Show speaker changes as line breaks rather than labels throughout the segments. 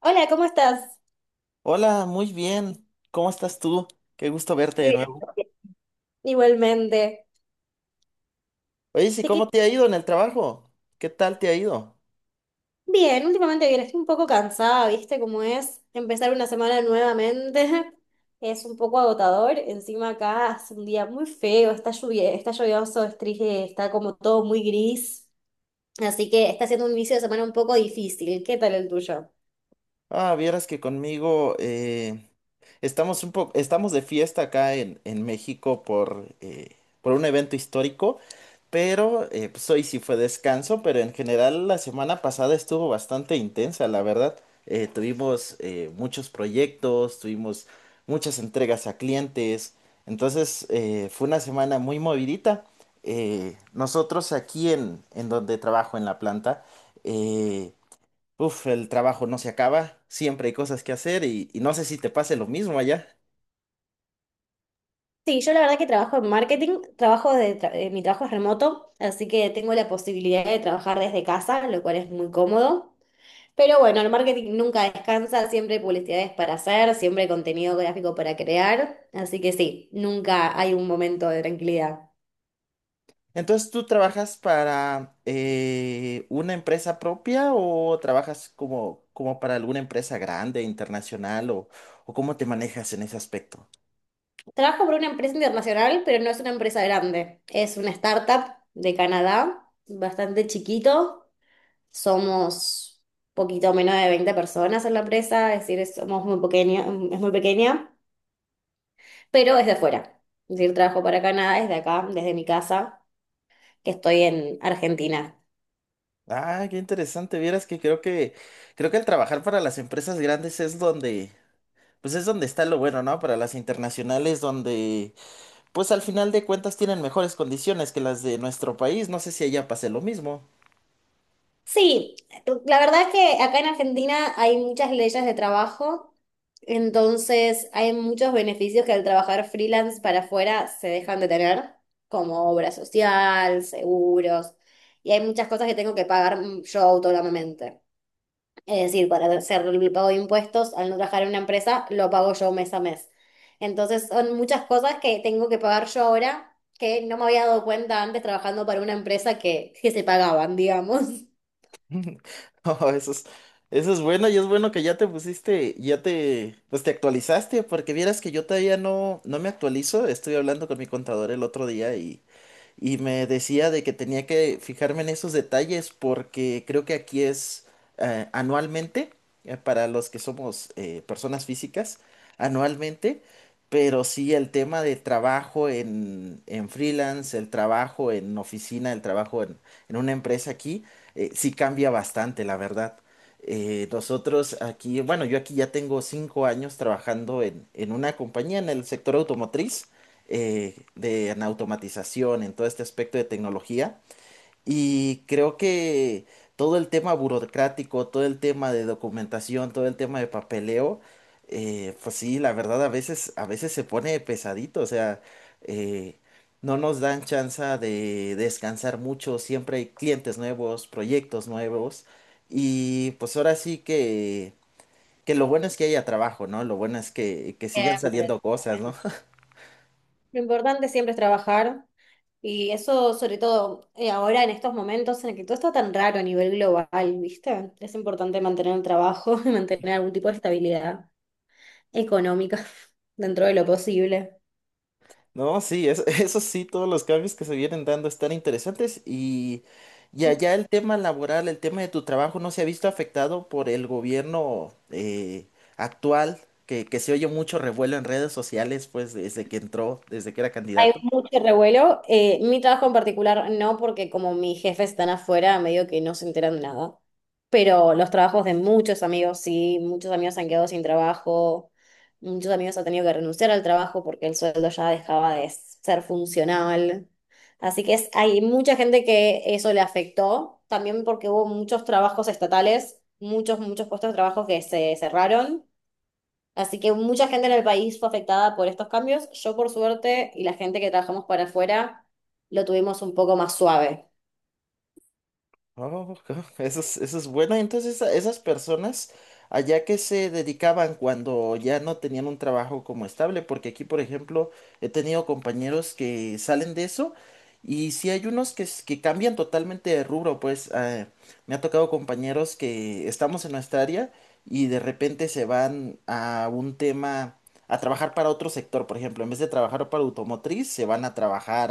Hola, ¿cómo estás?
Hola, muy bien. ¿Cómo estás tú? Qué gusto verte de
Muy bien,
nuevo.
Sofía. Igualmente.
Oye, sí,
Te
¿cómo
que-
te ha ido en el trabajo? ¿Qué tal te ha ido?
Bien, últimamente bien, estoy un poco cansada, ¿viste cómo es? Empezar una semana nuevamente es un poco agotador. Encima acá hace un día muy feo, está lluvia, está lluvioso, es triste, está como todo muy gris. Así que está siendo un inicio de semana un poco difícil. ¿Qué tal el tuyo?
Ah, vieras que conmigo estamos de fiesta acá en México por un evento histórico, pero pues hoy sí fue descanso, pero en general la semana pasada estuvo bastante intensa, la verdad. Tuvimos muchos proyectos, tuvimos muchas entregas a clientes, entonces fue una semana muy movidita. Nosotros aquí en donde trabajo en la planta, eh, uf, el trabajo no se acaba, siempre hay cosas que hacer y no sé si te pase lo mismo allá.
Sí, yo la verdad que trabajo en marketing, mi trabajo es remoto, así que tengo la posibilidad de trabajar desde casa, lo cual es muy cómodo. Pero bueno, el marketing nunca descansa, siempre hay publicidades para hacer, siempre hay contenido gráfico para crear, así que sí, nunca hay un momento de tranquilidad.
Entonces, ¿tú trabajas para una empresa propia o trabajas como para alguna empresa grande, internacional o cómo te manejas en ese aspecto?
Trabajo por una empresa internacional, pero no es una empresa grande, es una startup de Canadá, bastante chiquito, somos poquito menos de 20 personas en la empresa, es decir, somos muy pequeña, es muy pequeña, pero es de fuera, es decir, trabajo para Canadá desde acá, desde mi casa, que estoy en Argentina.
Ah, qué interesante. Vieras que creo que el trabajar para las empresas grandes es donde pues es donde está lo bueno, ¿no? Para las internacionales donde pues al final de cuentas tienen mejores condiciones que las de nuestro país. No sé si allá pase lo mismo.
Sí, la verdad es que acá en Argentina hay muchas leyes de trabajo, entonces hay muchos beneficios que al trabajar freelance para afuera se dejan de tener, como obra social, seguros, y hay muchas cosas que tengo que pagar yo autónomamente. Es decir, para hacer el pago de impuestos, al no trabajar en una empresa, lo pago yo mes a mes. Entonces son muchas cosas que tengo que pagar yo ahora, que no me había dado cuenta antes trabajando para una empresa que se pagaban, digamos.
Oh, eso es bueno y es bueno que ya te pusiste, ya te, pues te actualizaste, porque vieras que yo todavía no, no me actualizo. Estuve hablando con mi contador el otro día y me decía de que tenía que fijarme en esos detalles porque creo que aquí es anualmente, para los que somos personas físicas, anualmente, pero sí el tema de trabajo en freelance, el trabajo en oficina, el trabajo en una empresa aquí, sí cambia bastante, la verdad. Nosotros aquí, bueno, yo aquí ya tengo 5 años trabajando en una compañía en el sector automotriz, de en automatización, en todo este aspecto de tecnología. Y creo que todo el tema burocrático, todo el tema de documentación, todo el tema de papeleo, pues sí, la verdad a veces se pone pesadito, o sea, eh, no nos dan chance de descansar mucho, siempre hay clientes nuevos, proyectos nuevos. Y pues ahora sí que lo bueno es que haya trabajo, ¿no? Lo bueno es que sigan
Siempre.
saliendo cosas, ¿no?
Lo importante siempre es trabajar y eso sobre todo ahora en estos momentos en el que todo está tan raro a nivel global, ¿viste? Es importante mantener el trabajo y mantener algún tipo de estabilidad económica dentro de lo posible.
No, sí, eso, eso sí, todos los cambios que se vienen dando están interesantes y allá el tema laboral, el tema de tu trabajo no se ha visto afectado por el gobierno actual, que se oye mucho revuelo en redes sociales, pues desde que entró, desde que era
Hay
candidato.
mucho revuelo. Mi trabajo en particular no, porque como mis jefes están afuera, medio que no se enteran de nada. Pero los trabajos de muchos amigos, sí, muchos amigos han quedado sin trabajo, muchos amigos han tenido que renunciar al trabajo porque el sueldo ya dejaba de ser funcional. Así que hay mucha gente que eso le afectó, también porque hubo muchos trabajos estatales, muchos, muchos puestos de trabajo que se cerraron. Así que mucha gente en el país fue afectada por estos cambios. Yo, por suerte, y la gente que trabajamos para afuera, lo tuvimos un poco más suave.
Oh, eso es buena. Entonces, esas personas allá que se dedicaban cuando ya no tenían un trabajo como estable, porque aquí, por ejemplo, he tenido compañeros que salen de eso y sí hay unos que cambian totalmente de rubro, pues me ha tocado compañeros que estamos en nuestra área y de repente se van a un tema, a trabajar para otro sector, por ejemplo, en vez de trabajar para automotriz, se van a trabajar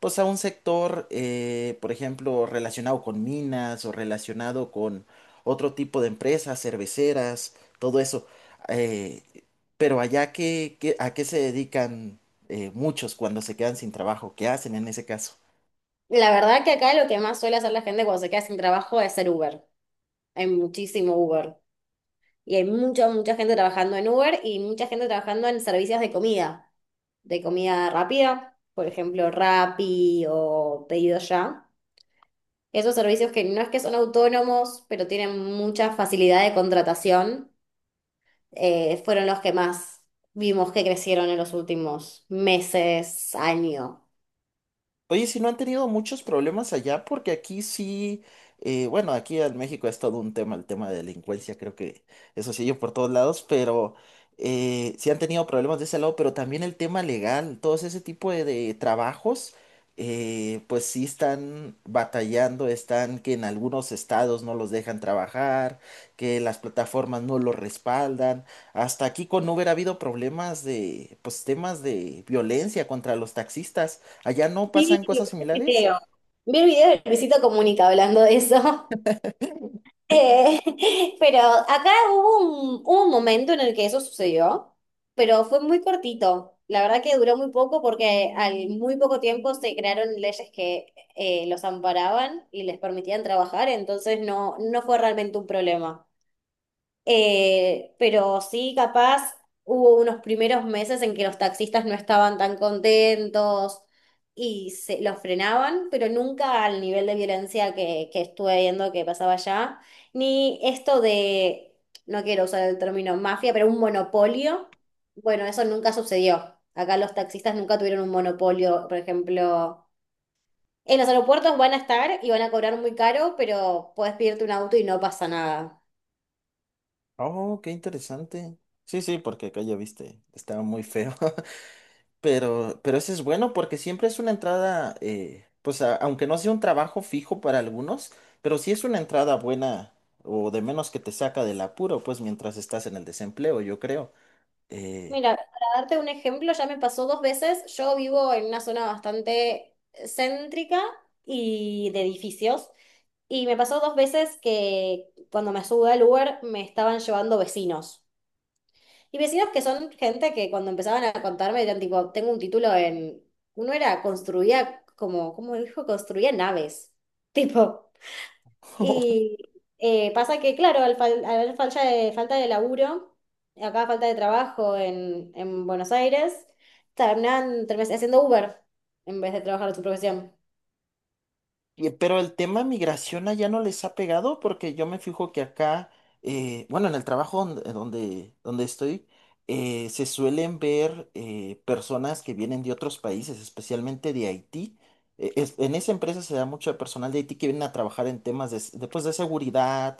pues a un sector, por ejemplo, relacionado con minas o relacionado con otro tipo de empresas, cerveceras, todo eso. Eh, pero allá, ¿a qué se dedican muchos cuando se quedan sin trabajo? ¿Qué hacen en ese caso?
La verdad que acá lo que más suele hacer la gente cuando se queda sin trabajo es ser Uber. Hay muchísimo Uber. Y hay mucha, mucha gente trabajando en Uber y mucha gente trabajando en servicios de comida rápida, por ejemplo, Rappi o Pedido Ya. Esos servicios que no es que son autónomos, pero tienen mucha facilidad de contratación, fueron los que más vimos que crecieron en los últimos meses, año.
Oye, si no han tenido muchos problemas allá, porque aquí sí, bueno, aquí en México es todo un tema, el tema de delincuencia, creo que eso sigue por todos lados, pero sí han tenido problemas de ese lado, pero también el tema legal, todos ese tipo de trabajos, pues sí están batallando, están que en algunos estados no los dejan trabajar, que las plataformas no los respaldan, hasta aquí con Uber ha habido problemas de, pues temas de violencia contra los taxistas. ¿Allá no
Sí,
pasan
lo que
cosas
pasa
similares?
creo. Vi el video de Luisito Comunica hablando de eso. Eh, pero acá hubo un momento en el que eso sucedió, pero fue muy cortito. La verdad que duró muy poco porque al muy poco tiempo se crearon leyes que los amparaban y les permitían trabajar, entonces no, no fue realmente un problema. Pero sí, capaz hubo unos primeros meses en que los taxistas no estaban tan contentos y se los frenaban, pero nunca al nivel de violencia que estuve viendo que pasaba allá, ni esto de, no quiero usar el término mafia, pero un monopolio. Bueno, eso nunca sucedió. Acá los taxistas nunca tuvieron un monopolio, por ejemplo. En los aeropuertos van a estar y van a cobrar muy caro, pero puedes pedirte un auto y no pasa nada.
Oh, qué interesante. Sí, sí, porque acá ya viste, estaba muy feo. Pero eso es bueno porque siempre es una entrada, pues aunque no sea un trabajo fijo para algunos, pero sí es una entrada buena o de menos que te saca del apuro, pues mientras estás en el desempleo, yo creo. Eh,
Mira, para darte un ejemplo, ya me pasó dos veces. Yo vivo en una zona bastante céntrica y de edificios. Y me pasó dos veces que cuando me subí al Uber me estaban llevando vecinos. Y vecinos que son gente que cuando empezaban a contarme eran tipo, tengo un título en... Uno era, construía como, ¿cómo dijo? Construía naves. Tipo, y pasa que, claro, al haber falta de laburo, acá falta de trabajo en Buenos Aires, terminan haciendo Uber en vez de trabajar su profesión.
Pero el tema migración allá no les ha pegado porque yo me fijo que acá, bueno, en el trabajo donde estoy, se suelen ver personas que vienen de otros países, especialmente de Haití. En esa empresa se da mucho personal de Haití que vienen a trabajar en temas pues, de seguridad.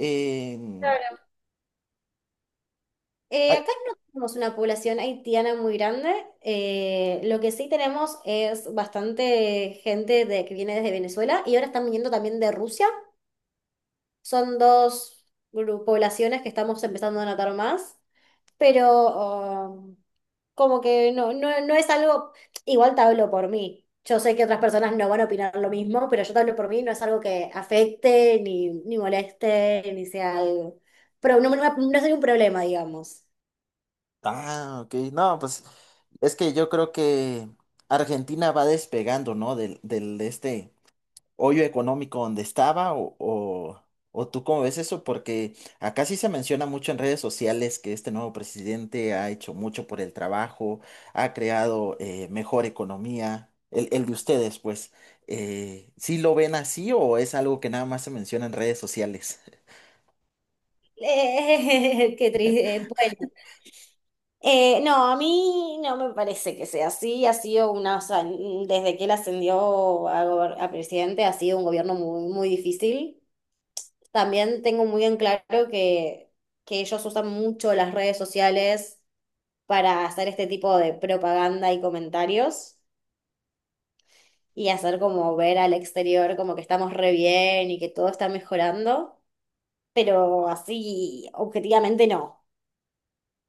en-
Claro.
ay,
Acá no tenemos una población haitiana muy grande. Eh, lo que sí tenemos es bastante gente de, que viene desde Venezuela y ahora están viniendo también de Rusia. Son dos poblaciones que estamos empezando a notar más. Pero como que no, no, no es algo, igual te hablo por mí. Yo sé que otras personas no van a opinar lo mismo, pero yo te hablo por mí, no es algo que afecte, ni moleste, ni sea algo. Pero no, no, no sería un problema, digamos.
ah, ok, no, pues es que yo creo que Argentina va despegando, ¿no? Del este hoyo económico donde estaba o tú cómo ves eso, porque acá sí se menciona mucho en redes sociales que este nuevo presidente ha hecho mucho por el trabajo, ha creado mejor economía, el de ustedes, pues, ¿sí lo ven así o es algo que nada más se menciona en redes sociales?
Qué triste. Bueno. No, a mí no me parece que sea así. Ha sido una, o sea, desde que él ascendió a presidente, ha sido un gobierno muy, muy difícil. También tengo muy en claro que, que ellos usan mucho las redes sociales para hacer este tipo de propaganda y comentarios y hacer como ver al exterior como que estamos re bien y que todo está mejorando, pero así objetivamente no.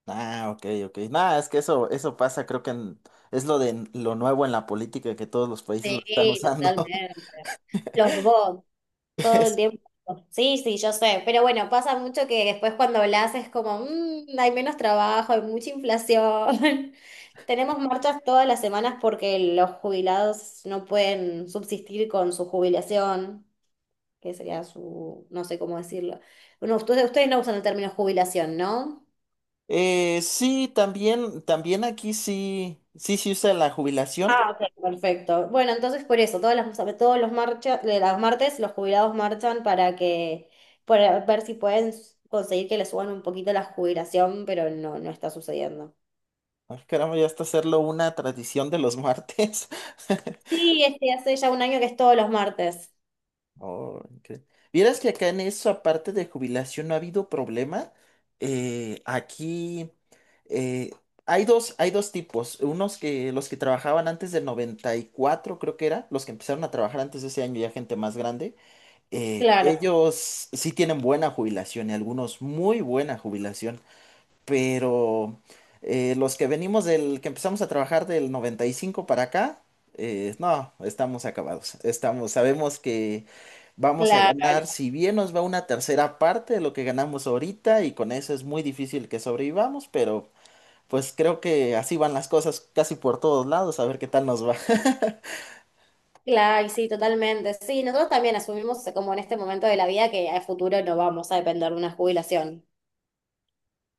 Ah, ok, ok. Nada, es que eso pasa, creo es lo de lo nuevo en la política que todos los países lo están
Sí,
usando.
totalmente. Los bots, todo el tiempo. Sí, sí, yo sé, pero bueno, pasa mucho que después cuando hablas es como, "Mm, hay menos trabajo, hay mucha inflación". Tenemos marchas todas las semanas porque los jubilados no pueden subsistir con su jubilación. Que sería su, no sé cómo decirlo. Bueno, ustedes no usan el término jubilación, ¿no?
Sí, también, también aquí sí, sí se usa la jubilación.
Ah, ok. Perfecto. Bueno, entonces por eso, todos los marcha, de las martes los jubilados marchan para que, para ver si pueden conseguir que les suban un poquito la jubilación, pero no, no está sucediendo.
Ay, caramba, ya hasta hacerlo una tradición de los martes.
Sí, este hace ya un año que es todos los martes.
Oh, incre- Vieras que acá en eso, aparte de jubilación, no ha habido problema. Aquí eh, hay dos tipos. Unos que los que trabajaban antes del 94, creo que era, los que empezaron a trabajar antes de ese año, ya gente más grande.
Claro,
Ellos sí tienen buena jubilación y algunos muy buena jubilación. Pero los que venimos del que empezamos a trabajar del 95 para acá, no, estamos acabados. Estamos, sabemos que vamos a
claro,
ganar, si bien nos va, una tercera parte de lo que ganamos ahorita, y con eso es muy difícil que sobrevivamos, pero pues creo que así van las cosas casi por todos lados, a ver qué tal nos va.
claro, y sí, totalmente. Sí, nosotros también asumimos como en este momento de la vida que a futuro no vamos a depender de una jubilación.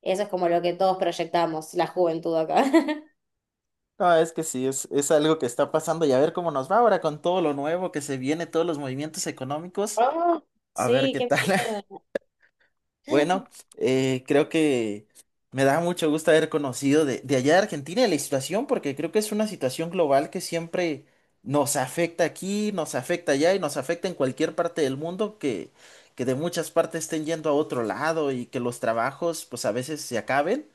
Eso es como lo que todos proyectamos, la juventud acá.
No, es que sí, es algo que está pasando y a ver cómo nos va ahora con todo lo nuevo que se viene, todos los movimientos económicos,
Ah,
a ver
sí,
qué
qué
tal.
miedo.
Bueno, creo que me da mucho gusto haber conocido de allá de Argentina y la situación, porque creo que es una situación global que siempre nos afecta aquí, nos afecta allá y nos afecta en cualquier parte del mundo, que de muchas partes estén yendo a otro lado y que los trabajos pues a veces se acaben.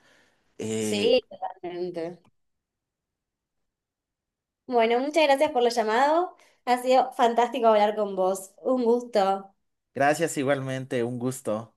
Eh,
Sí, totalmente. Bueno, muchas gracias por lo llamado. Ha sido fantástico hablar con vos. Un gusto.
Gracias igualmente, un gusto.